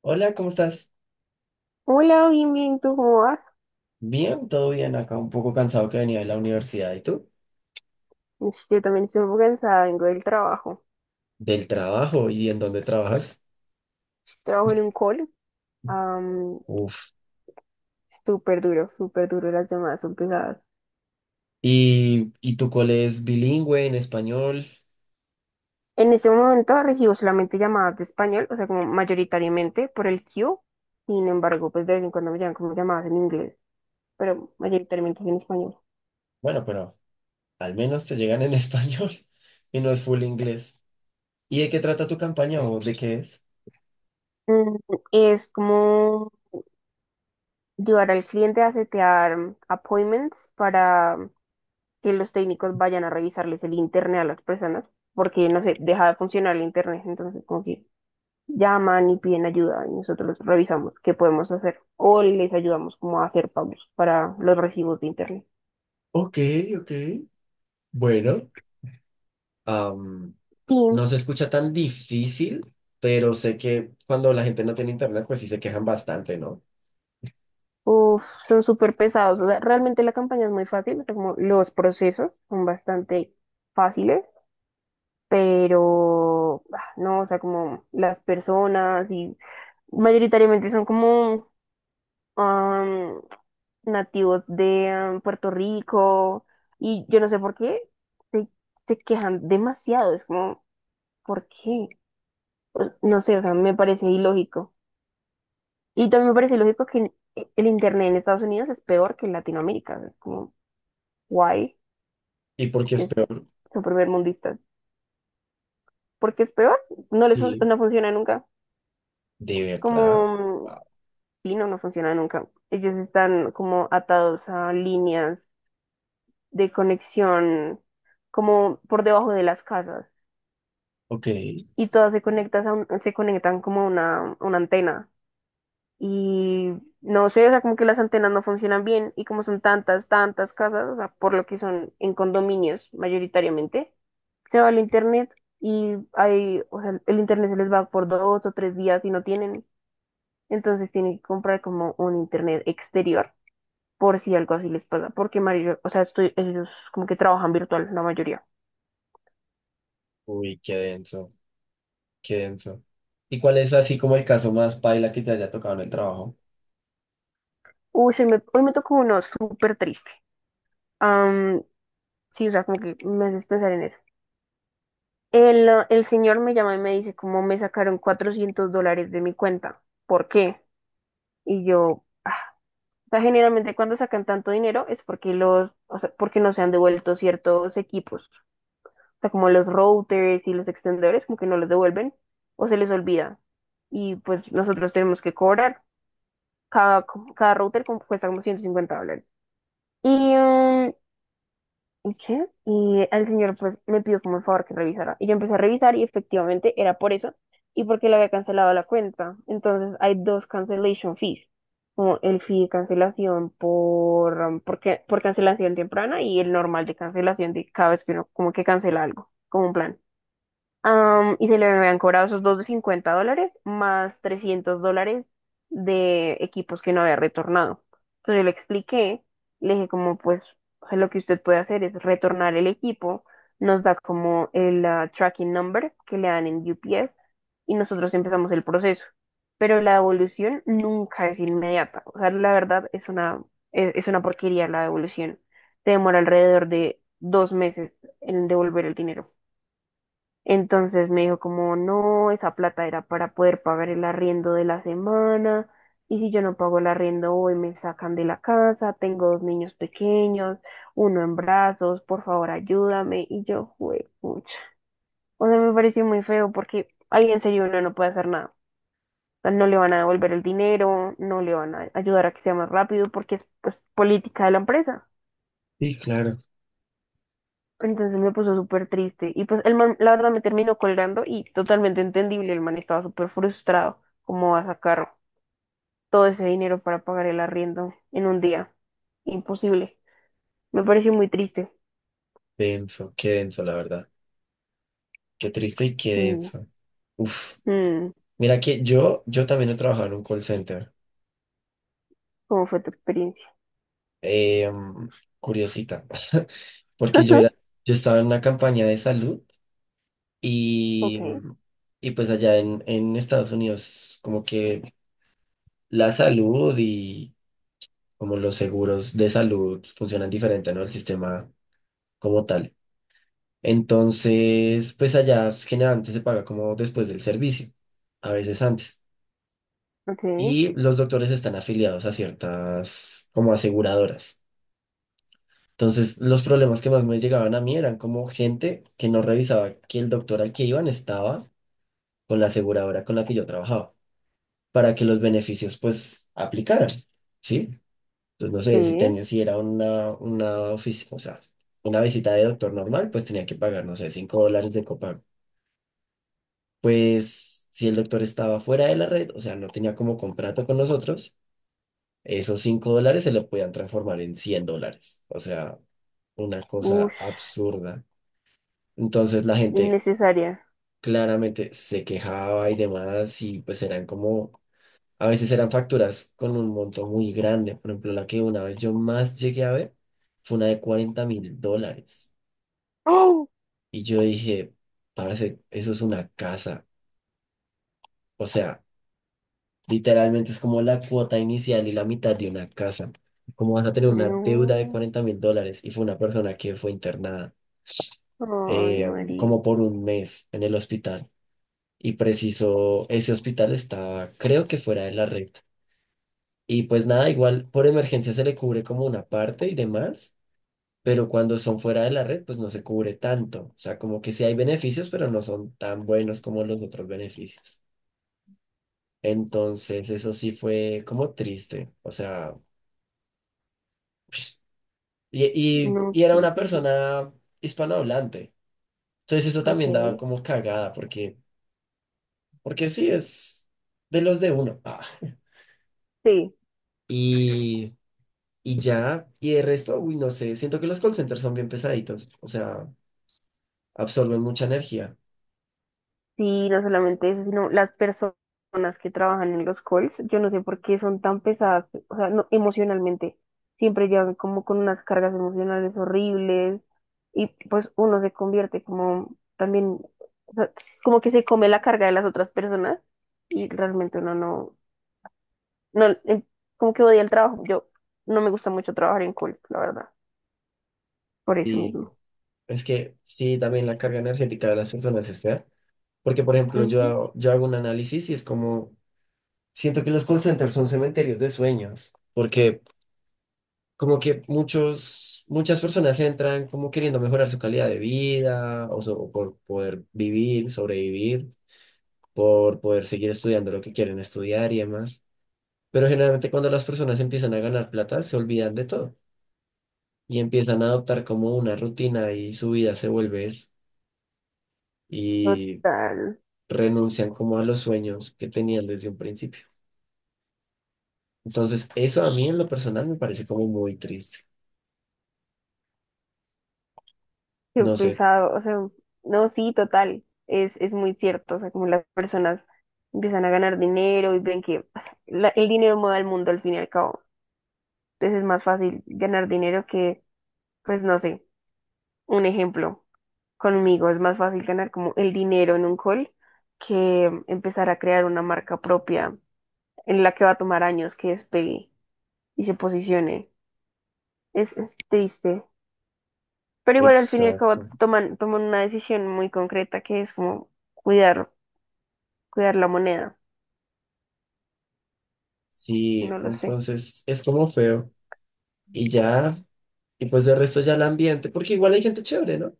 Hola, ¿cómo estás? Hola, bien, bien, ¿tú cómo vas? Bien, todo bien acá, un poco cansado que venía de la universidad. ¿Y tú? Ush, yo también estoy un poco cansada, vengo del trabajo. Del trabajo y en dónde trabajas. Trabajo en un call, am, Uf. Súper duro, las llamadas son pesadas. Y tu cole es bilingüe en español? En este momento recibo solamente llamadas de español, o sea, como mayoritariamente por el queue. Sin embargo, pues de vez en cuando me llegan como llamadas en inglés, pero mayoritariamente es en español. Bueno, pero al menos te llegan en español y no es full inglés. ¿Y de qué trata tu campaña o de qué es? Mm, Es como ayudar al cliente a setear appointments para que los técnicos vayan a revisarles el internet a las personas, porque no sé, deja de funcionar el internet, entonces como que llaman y piden ayuda y nosotros los revisamos qué podemos hacer o les ayudamos como a hacer pagos para los recibos de internet. Ok, ok. Bueno, am, Sí, no se escucha tan difícil, pero sé que cuando la gente no tiene internet, pues sí se quejan bastante, ¿no? uf, son súper pesados, o sea, realmente la campaña es muy fácil, o sea, como los procesos son bastante fáciles, pero no, o sea, como las personas y mayoritariamente son como... am, nativos de Puerto Rico y yo no sé por qué se, se quejan demasiado, es como, ¿por qué? No sé, o sea, me parece ilógico. Y también me parece ilógico que el internet en Estados Unidos es peor que en Latinoamérica, o sea, es como, guay, ¿Y por qué es es peor? su primer mundista. ¿Por qué es peor? Sí. No funciona nunca. ¿De verdad? Como, Wow. sí, no, no funciona nunca. Ellos están como atados a líneas de conexión como por debajo de las casas. Ok. Y todas se conectan se conectan como a una antena. Y no sé, o sea, como que las antenas no funcionan bien y como son tantas, tantas casas, o sea, por lo que son en condominios mayoritariamente, se va el internet y hay, o sea, el internet se les va por 2 o 3 días y no tienen, entonces tienen que comprar como un internet exterior por si algo así les pasa, porque Mario, o sea, ellos como que trabajan virtual la mayoría. Uy, qué denso, qué denso. ¿Y cuál es así como el caso más paila que te haya tocado en el trabajo? Uy, hoy me tocó uno súper triste. Sí, o sea, como que me haces pensar en eso. El señor me llama y me dice, ¿cómo me sacaron $400 de mi cuenta? ¿Por qué? Y yo, o sea, generalmente cuando sacan tanto dinero es porque los, o sea, porque no se han devuelto ciertos equipos. O sea, como los routers y los extendedores, como que no los devuelven o se les olvida. Y pues nosotros tenemos que cobrar. Cada, cada router cuesta como $150. Y, mm, ¿Y qué? Y al señor pues me pidió como el favor que revisara. Y yo empecé a revisar y efectivamente era por eso y porque le había cancelado la cuenta. Entonces hay dos cancellation fees, como el fee de cancelación por, um, por, ca- por cancelación temprana y el normal de cancelación de cada vez que uno como que cancela algo, como un plan. Y se le habían cobrado esos dos de $50 más $300 de equipos que no había retornado. Entonces yo le expliqué, le dije como pues o sea, lo que usted puede hacer es retornar el equipo, nos da como el tracking number que le dan en UPS y nosotros empezamos el proceso. Pero la devolución nunca es inmediata. O sea, la verdad es una porquería la devolución. Se demora alrededor de 2 meses en devolver el dinero. Entonces me dijo como, no, esa plata era para poder pagar el arriendo de la semana, y si yo no pago el arriendo hoy me sacan de la casa, tengo dos niños pequeños, uno en brazos, por favor ayúdame, y yo, juepucha. O sea, me pareció muy feo porque ahí en serio uno no puede hacer nada. O sea, no le van a devolver el dinero, no le van a ayudar a que sea más rápido porque es pues, política de la empresa. Sí, claro. Entonces me puso súper triste. Y pues el man, la verdad, me terminó colgando y totalmente entendible. El man estaba súper frustrado. ¿Cómo va a sacar todo ese dinero para pagar el arriendo en un día? Imposible. Me pareció muy triste. Denso, qué denso, la verdad. Qué triste y qué Sí. denso. Uf. Mm, Mira que yo también he trabajado en un call center. ¿cómo fue tu experiencia? Eh, mm, curiosita. Porque yo estaba en una campaña de salud Ok, y, y pues allá en Estados Unidos, como que la salud y como los seguros de salud funcionan diferente, ¿no? El sistema como tal. Entonces, pues allá generalmente se paga como después del servicio, a veces antes. ok, Y los doctores están afiliados a ciertas como aseguradoras. Entonces, los problemas que más me llegaban a mí eran como gente que no revisaba que el doctor al que iban estaba con la aseguradora con la que yo trabajaba, para que los beneficios pues aplicaran, ¿sí? Entonces, no sé, si sí. tenía, si era o sea, una visita de doctor normal, pues tenía que pagar, no sé, $5 de copago. Pues si el doctor estaba fuera de la red, o sea, no tenía como contrato con nosotros, esos $5 se le podían transformar en $100. O sea, una cosa Ush, absurda. Entonces la gente innecesaria. claramente se quejaba y demás y pues eran como, a veces eran facturas con un monto muy grande. Por ejemplo, la que una vez yo más llegué a ver fue una de $40,000. ¡Oh! Y yo dije, parce, eso es una casa. O sea, literalmente es como la cuota inicial y la mitad de una casa. ¿Cómo vas a tener una deuda de No. $40,000? Y fue una persona que fue internada Ay, Mari. como por un mes en el hospital. Y preciso, ese hospital estaba, creo que fuera de la red. Y pues nada, igual por emergencia se le cubre como una parte y demás, pero cuando son fuera de la red, pues no se cubre tanto. O sea, como que sí hay beneficios, pero no son tan buenos como los otros beneficios. Entonces, eso sí fue como triste. O sea, y, y, No, y era qué una difícil. persona hispanohablante. Entonces, eso Ok. también daba como cagada, porque, porque sí, es de los de uno. Ah. Sí. Y, y ya, y el resto, uy, no sé, siento que los call centers son bien pesaditos. O sea, absorben mucha energía. Sí, no solamente eso, sino las personas que trabajan en los calls, yo no sé por qué son tan pesadas, o sea, no, emocionalmente, siempre llegan como con unas cargas emocionales horribles y pues uno se convierte como también, o sea, como que se come la carga de las otras personas y realmente uno no, no, como que odia el trabajo, yo no me gusta mucho trabajar en calls, la verdad, por eso Sí, mismo. es que sí, también la carga energética de las personas es fea. Porque, por ejemplo, Ujú. Yo hago un análisis y es como, siento que los call centers son cementerios de sueños. Porque como que muchos, muchas personas entran como queriendo mejorar su calidad de vida o, so- por poder vivir, sobrevivir, por poder seguir estudiando lo que quieren estudiar y demás. Pero generalmente cuando las personas empiezan a ganar plata, se olvidan de todo y empiezan a adoptar como una rutina y su vida se vuelve eso y Total. renuncian como a los sueños que tenían desde un principio. Entonces, eso a mí en lo personal me parece como muy triste. Qué No sé, pesado, o sea, no, sí, total, es muy cierto, o sea, como las personas empiezan a ganar dinero y ven que o sea, el dinero mueve al mundo al fin y al cabo, entonces es más fácil ganar dinero que, pues no sé, un ejemplo, conmigo es más fácil ganar como el dinero en un call que empezar a crear una marca propia en la que va a tomar años que despegue y se posicione, es triste, pero igual al fin y al cabo exacto. toman una decisión muy concreta que es como cuidar Cuidar la moneda, Sí, no lo sé. entonces es como feo. Y ya, y pues de resto ya el ambiente, porque igual hay gente chévere, ¿no? O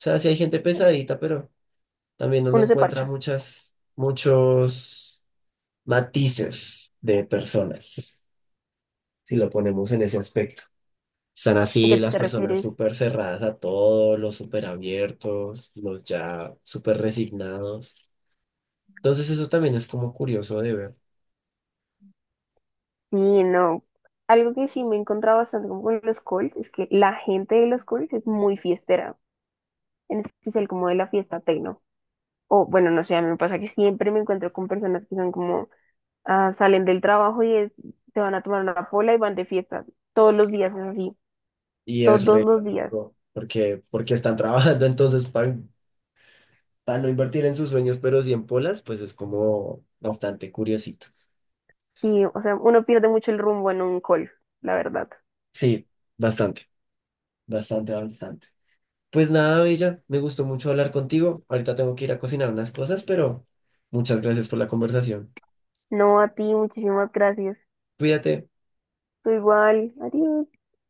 sea, sí hay gente pesadita, pero también uno Uno se encuentra parcha. muchas, muchos matices de personas, si lo ponemos en ese aspecto. Están ¿A qué así las te personas refieres? súper cerradas a todo, los súper abiertos, los ya súper resignados. Entonces eso también es como curioso de ver Sí, no. Algo que sí me he encontrado bastante como con los calls es que la gente de los calls es muy fiestera, en especial como de la fiesta tecno. O bueno, no sé, a mí me pasa que siempre me encuentro con personas que son como, ah, salen del trabajo se van a tomar una pola y van de fiesta. Todos los días es así, y es todos re los días. lógico, porque, porque están trabajando entonces para no invertir en sus sueños, pero sí en polas, pues es como bastante curiosito. Sí, o sea, uno pierde mucho el rumbo en un call, la verdad. Sí, bastante, bastante, bastante. Pues nada, Bella, me gustó mucho hablar contigo. Ahorita tengo que ir a cocinar unas cosas, pero muchas gracias por la conversación. No, a ti, muchísimas gracias. Cuídate. Tú igual, adiós.